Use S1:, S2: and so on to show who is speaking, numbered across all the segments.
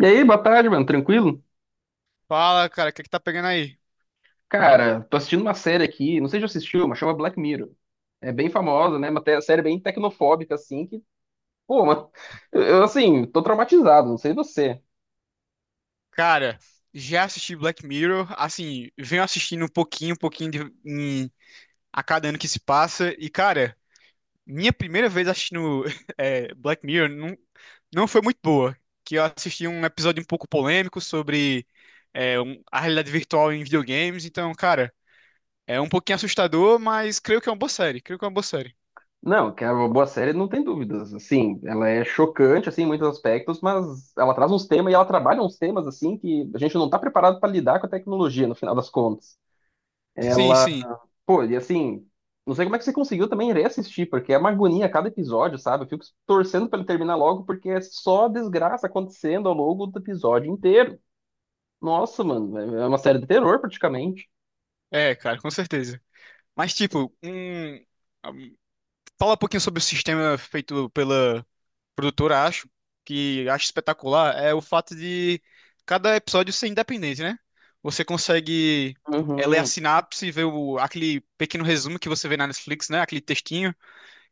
S1: E aí, boa tarde, mano. Tranquilo?
S2: Fala, cara, o que é que tá pegando aí?
S1: Cara, tô assistindo uma série aqui, não sei se já assistiu, mas chama Black Mirror. É bem famosa, né? Uma série bem tecnofóbica, assim, que, pô, mano, eu, assim, tô traumatizado, não sei você.
S2: Cara, já assisti Black Mirror, assim, venho assistindo um pouquinho, a cada ano que se passa, e cara, minha primeira vez assistindo Black Mirror não, não foi muito boa, que eu assisti um episódio um pouco polêmico sobre a realidade virtual em videogames, então, cara, é um pouquinho assustador, mas creio que é uma boa série, creio que é uma boa série.
S1: Não, que é uma boa série, não tem dúvidas. Assim, ela é chocante, assim, em muitos aspectos, mas ela traz uns temas e ela trabalha uns temas, assim, que a gente não tá preparado pra lidar com a tecnologia, no final das contas.
S2: Sim, sim,
S1: Pô, e assim, não sei como é que você conseguiu também reassistir, porque é uma agonia a cada episódio, sabe? Eu fico torcendo pra ele terminar logo, porque é só desgraça acontecendo ao longo do episódio inteiro. Nossa, mano, é uma série de terror praticamente.
S2: é, cara, com certeza. Mas, tipo, um- Fala um pouquinho sobre o sistema feito pela produtora, acho, que acho espetacular, é o fato de cada episódio ser independente, né? Você consegue ler a
S1: Uhum.
S2: sinapse, ver o, aquele pequeno resumo que você vê na Netflix, né? Aquele textinho.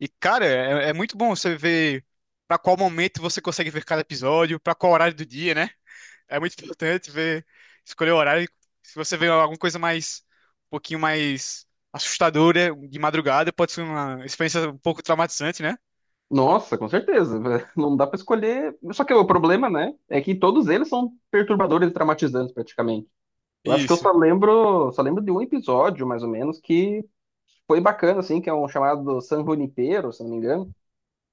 S2: E, cara, é, é muito bom você ver pra qual momento você consegue ver cada episódio, pra qual horário do dia, né? É muito importante ver, escolher o horário. Se você vê alguma coisa mais, um pouquinho mais assustadora de madrugada, pode ser uma experiência um pouco traumatizante, né?
S1: Nossa, com certeza. Não dá pra escolher. Só que o problema, né, é que todos eles são perturbadores e traumatizantes praticamente. Eu acho que eu
S2: Isso.
S1: só lembro, só lembro de um episódio, mais ou menos, que foi bacana, assim, que é um chamado San Junipero, se não me engano.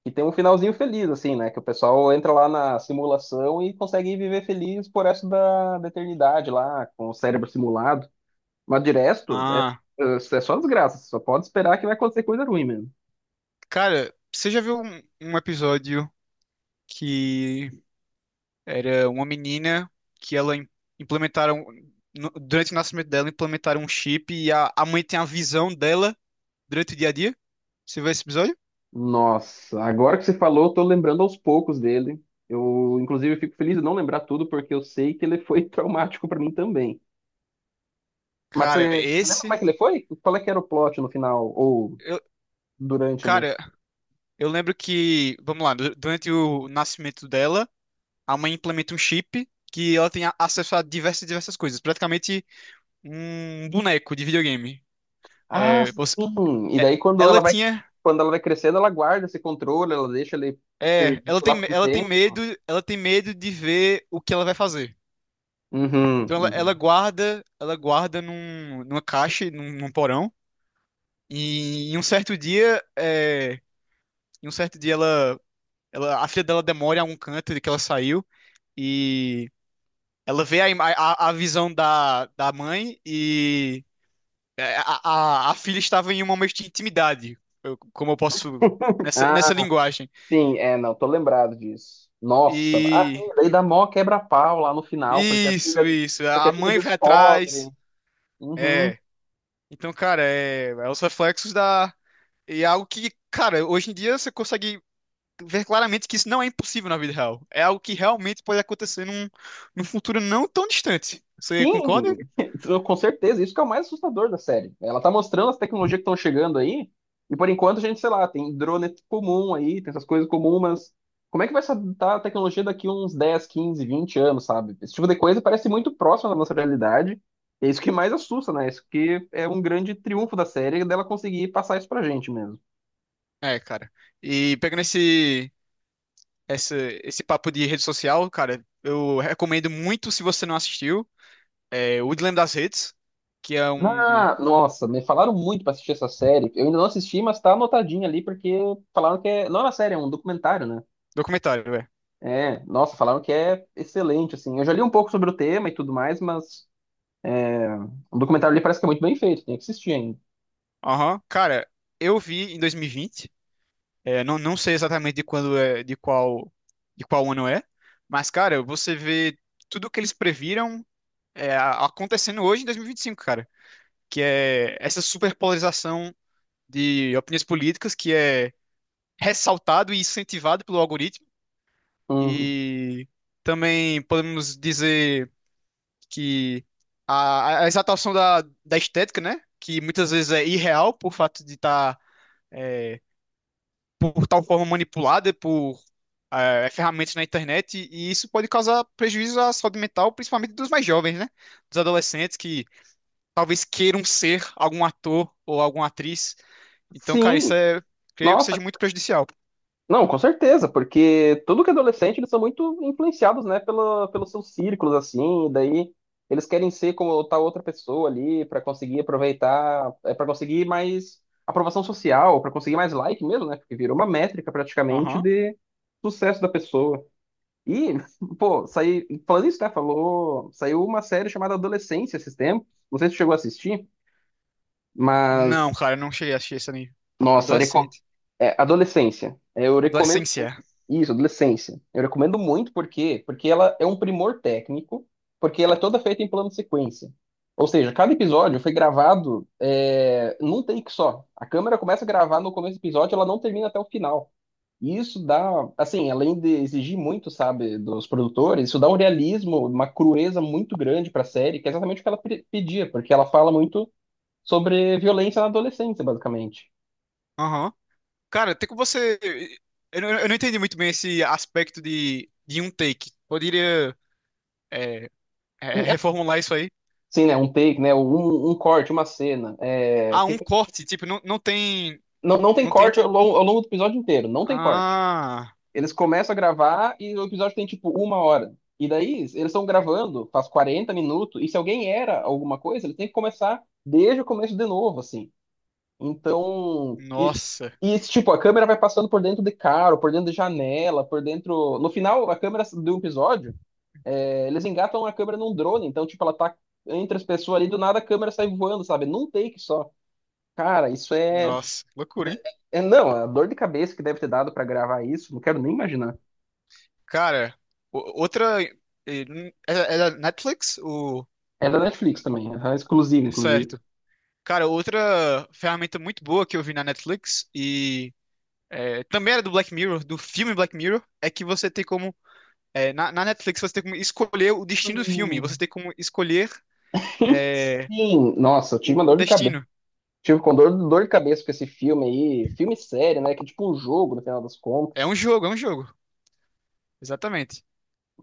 S1: E tem um finalzinho feliz, assim, né? Que o pessoal entra lá na simulação e consegue viver feliz por resto da eternidade lá, com o cérebro simulado. Mas de resto, é,
S2: Ah.
S1: é só desgraça. Só pode esperar que vai acontecer coisa ruim mesmo.
S2: Cara, você já viu um episódio que era uma menina que implementaram durante o nascimento dela implementaram um chip e a mãe tem a visão dela durante o dia a dia? Você viu esse episódio?
S1: Nossa, agora que você falou, eu tô lembrando aos poucos dele. Eu, inclusive, fico feliz de não lembrar tudo, porque eu sei que ele foi traumático pra mim também. Mas
S2: Cara,
S1: você lembra como é
S2: esse
S1: que ele foi? Qual é que era o plot no final, ou
S2: eu,
S1: durante ali?
S2: cara, eu lembro que, vamos lá, durante o nascimento dela, a mãe implementa um chip que ela tem acesso a diversas diversas coisas, praticamente um boneco de videogame.
S1: Ah,
S2: É, você,
S1: sim. E
S2: é,
S1: daí
S2: ela tinha
S1: quando ela vai crescendo, ela guarda esse controle, ela deixa ele
S2: É,
S1: perdido lá por um tempo.
S2: ela tem medo de ver o que ela vai fazer.
S1: Uhum,
S2: Então ela
S1: uhum.
S2: guarda, numa caixa, num porão. E em um certo dia, é, em um certo dia ela, ela, a filha dela demora em algum canto de que ela saiu e ela vê a visão da mãe e a filha estava em um momento de intimidade, como eu posso nessa
S1: Ah,
S2: linguagem.
S1: sim, é, não, tô lembrado disso. Nossa, ah, sim,
S2: E
S1: daí dá mó quebra-pau lá no final,
S2: isso, isso.
S1: porque
S2: A
S1: a filha
S2: mãe vai
S1: descobre.
S2: atrás.
S1: Uhum.
S2: É. Então, cara, é, é os reflexos da. E é algo que, cara, hoje em dia você consegue ver claramente que isso não é impossível na vida real. É algo que realmente pode acontecer num futuro não tão distante. Você concorda?
S1: Sim, com certeza. Isso que é o mais assustador da série. Ela tá mostrando as tecnologias que estão chegando aí, e por enquanto a gente, sei lá, tem drone comum aí, tem essas coisas comuns, mas como é que vai estar a tecnologia daqui uns 10 15 20 anos, sabe? Esse tipo de coisa parece muito próximo da nossa realidade. É isso que mais assusta, né? Isso que é um grande triunfo da série, dela conseguir passar isso pra gente mesmo.
S2: É, cara. E pegando essa, esse papo de rede social, cara, eu recomendo muito, se você não assistiu, O Dilema das Redes, que é um
S1: Ah, nossa, me falaram muito pra assistir essa série. Eu ainda não assisti, mas tá anotadinha ali, porque falaram que não é uma série, é um documentário, né?
S2: documentário, velho.
S1: É, nossa, falaram que é excelente, assim. Eu já li um pouco sobre o tema e tudo mais, mas o documentário ali parece que é muito bem feito, tem que assistir ainda.
S2: Aham. Cara, eu vi em 2020. É, não, não sei exatamente de quando é, de qual ano é, mas, cara, você vê tudo que eles previram acontecendo hoje em 2025, cara, que é essa superpolarização de opiniões políticas que é ressaltado e incentivado pelo algoritmo,
S1: Hum,
S2: e também podemos dizer que a exaltação da estética, né, que muitas vezes é irreal por fato de estar por tal forma manipulada por ferramentas na internet, e isso pode causar prejuízo à saúde mental, principalmente dos mais jovens, né? Dos adolescentes que talvez queiram ser algum ator ou alguma atriz. Então, cara,
S1: Sim,
S2: isso é, creio que
S1: nossa,
S2: seja muito prejudicial.
S1: não, com certeza, porque tudo que é adolescente, eles são muito influenciados, né, pela, pelos seus círculos, assim, e daí eles querem ser como tal outra pessoa ali para conseguir aproveitar, para conseguir mais aprovação social, para conseguir mais like mesmo, né, porque virou uma métrica praticamente
S2: Aham.
S1: de sucesso da pessoa. E, pô, saí, falando isso, né? Falou, saiu uma série chamada Adolescência esses tempos. Não sei se tu chegou a assistir,
S2: Não,
S1: mas,
S2: cara, eu não cheguei a assistir esse anime.
S1: nossa,
S2: Adolescente.
S1: Adolescência. Eu recomendo muito.
S2: Adolescência.
S1: Isso, Adolescência. Eu recomendo muito porque ela é um primor técnico, porque ela é toda feita em plano de sequência. Ou seja, cada episódio foi gravado num take só. A câmera começa a gravar no começo do episódio, ela não termina até o final. E isso dá, assim, além de exigir muito, sabe, dos produtores, isso dá um realismo, uma crueza muito grande para a série, que é exatamente o que ela pedia, porque ela fala muito sobre violência na adolescência, basicamente.
S2: Aham. Cara, tem como você. Eu não entendi muito bem esse aspecto de um take. Poderia é,
S1: E,
S2: reformular isso aí?
S1: Sim, né, um take, né, um corte, uma cena. é,
S2: Ah,
S1: que,
S2: um corte. Tipo, não, não tem.
S1: não, não tem
S2: Não tem.
S1: corte ao longo do episódio inteiro, não tem corte.
S2: Ah,
S1: Eles começam a gravar e o episódio tem, tipo, uma hora. E daí, eles estão gravando, faz 40 minutos, e se alguém era alguma coisa, eles têm que começar desde o começo de novo, assim. Então, e,
S2: nossa,
S1: e esse tipo, a câmera vai passando por dentro de carro, por dentro de janela, por dentro. No final, a câmera do episódio, eles engatam a câmera num drone, então, tipo, ela tá entre as pessoas ali, do nada a câmera sai voando, sabe? Num take só. Cara,
S2: nossa, loucura, hein?
S1: é não, a dor de cabeça que deve ter dado pra gravar isso, não quero nem imaginar.
S2: Cara, outra. É é da Netflix? O...
S1: É da Netflix também, é exclusiva, inclusive.
S2: Certo. Cara, outra ferramenta muito boa que eu vi na Netflix e também era do Black Mirror, do filme Black Mirror, é que você tem como. Na Netflix você tem como escolher o destino do filme, você
S1: Hum.
S2: tem como escolher eh,
S1: Sim,
S2: o,
S1: nossa, eu tive uma
S2: o
S1: dor de cabeça.
S2: destino.
S1: Tive com dor de cabeça com esse filme aí, filme sério, né? Que é tipo um jogo, no final das
S2: É
S1: contas.
S2: um jogo, é um jogo. Exatamente.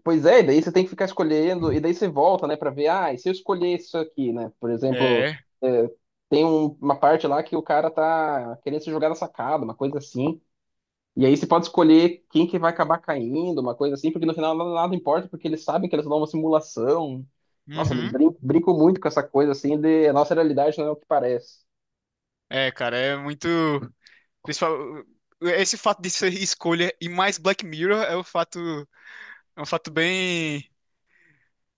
S1: Pois é, e daí você tem que ficar escolhendo, e daí você volta, né, pra ver, ah, e se eu escolher isso aqui, né? Por exemplo,
S2: É.
S1: é, tem uma parte lá que o cara tá querendo se jogar na sacada, uma coisa assim. E aí você pode escolher quem que vai acabar caindo, uma coisa assim, porque no final nada, nada importa, porque eles sabem que eles dão uma simulação. Nossa, eles
S2: Uhum.
S1: brincam muito com essa coisa assim de a nossa realidade não é o que parece.
S2: É, cara, é muito. Principal, esse fato de ser escolha e mais Black Mirror é um fato bem,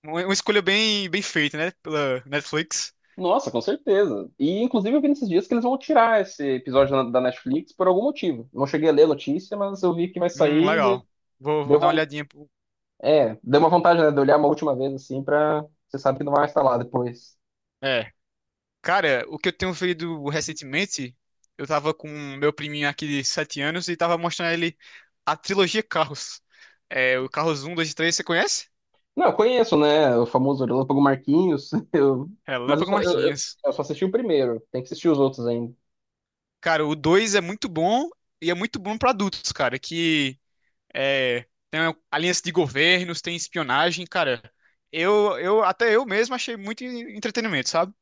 S2: uma escolha bem, bem feita, né? Pela Netflix.
S1: Nossa, com certeza. E inclusive eu vi nesses dias que eles vão tirar esse episódio da Netflix por algum motivo. Não cheguei a ler a notícia, mas eu vi que vai sair de.
S2: Legal. Vou
S1: Deu
S2: dar uma olhadinha.
S1: deu uma vantagem, né, de olhar uma última vez assim pra. Você sabe que não vai instalar depois.
S2: É, cara, o que eu tenho feito recentemente, eu tava com meu priminho aqui de 7 anos e tava mostrando a ele a trilogia Carros. É, o Carros um 2 e 3 você conhece?
S1: Não, eu conheço, né? O famoso Relâmpago Marquinhos. Mas eu
S2: Relâmpago
S1: só, eu, eu-
S2: Marquinhos.
S1: eu só assisti o primeiro. Tem que assistir os outros ainda.
S2: Cara, o 2 é muito bom e é muito bom pra adultos, cara, que é, tem aliança de governos, tem espionagem, cara. Eu até eu mesmo achei muito entretenimento, sabe?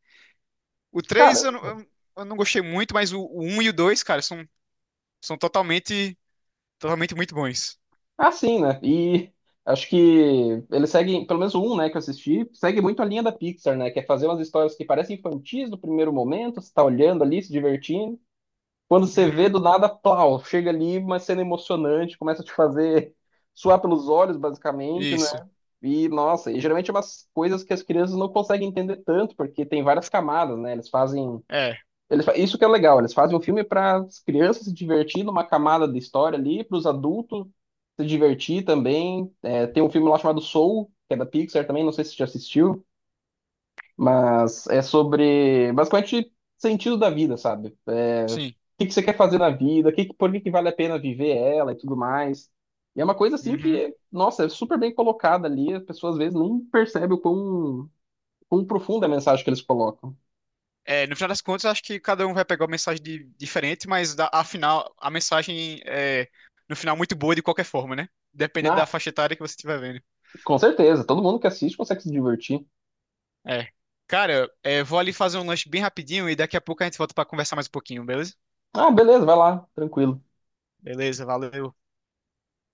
S2: O
S1: Cara,
S2: três eu, não- eu, eu não gostei muito, mas o 1 e o 2 cara, são, são totalmente, totalmente muito bons.
S1: é assim, né? E acho que eles seguem, pelo menos um, né, que eu assisti, segue muito a linha da Pixar, né? Que é fazer umas histórias que parecem infantis no primeiro momento, você tá olhando ali, se divertindo. Quando você vê
S2: Uhum,
S1: do nada, plau, chega ali, uma cena emocionante, começa a te fazer suar pelos olhos, basicamente, né?
S2: isso.
S1: E, nossa, e geralmente é umas coisas que as crianças não conseguem entender tanto, porque tem várias camadas, né? Eles fazem.
S2: É,
S1: Isso que é legal, eles fazem um filme para as crianças se divertir numa camada de história ali, para os adultos se divertir também. É, tem um filme lá chamado Soul, que é da Pixar também, não sei se você já assistiu. Mas é sobre basicamente sentido da vida, sabe? É, o
S2: sim.
S1: que que você quer fazer na vida, o que, por que que vale a pena viver ela e tudo mais. E é uma coisa assim
S2: Uhum.
S1: que, nossa, é super bem colocada ali, as pessoas às vezes nem percebem o quão, profunda é a mensagem que eles colocam.
S2: É, no final das contas, eu acho que cada um vai pegar uma mensagem diferente, mas da, afinal, a mensagem é, no final, muito boa de qualquer forma, né? Depende da
S1: Ah,
S2: faixa etária que você estiver vendo.
S1: com certeza, todo mundo que assiste consegue se divertir.
S2: É. Cara, é, vou ali fazer um lanche bem rapidinho e daqui a pouco a gente volta pra conversar mais um pouquinho, beleza?
S1: Ah, beleza, vai lá, tranquilo.
S2: Beleza, valeu.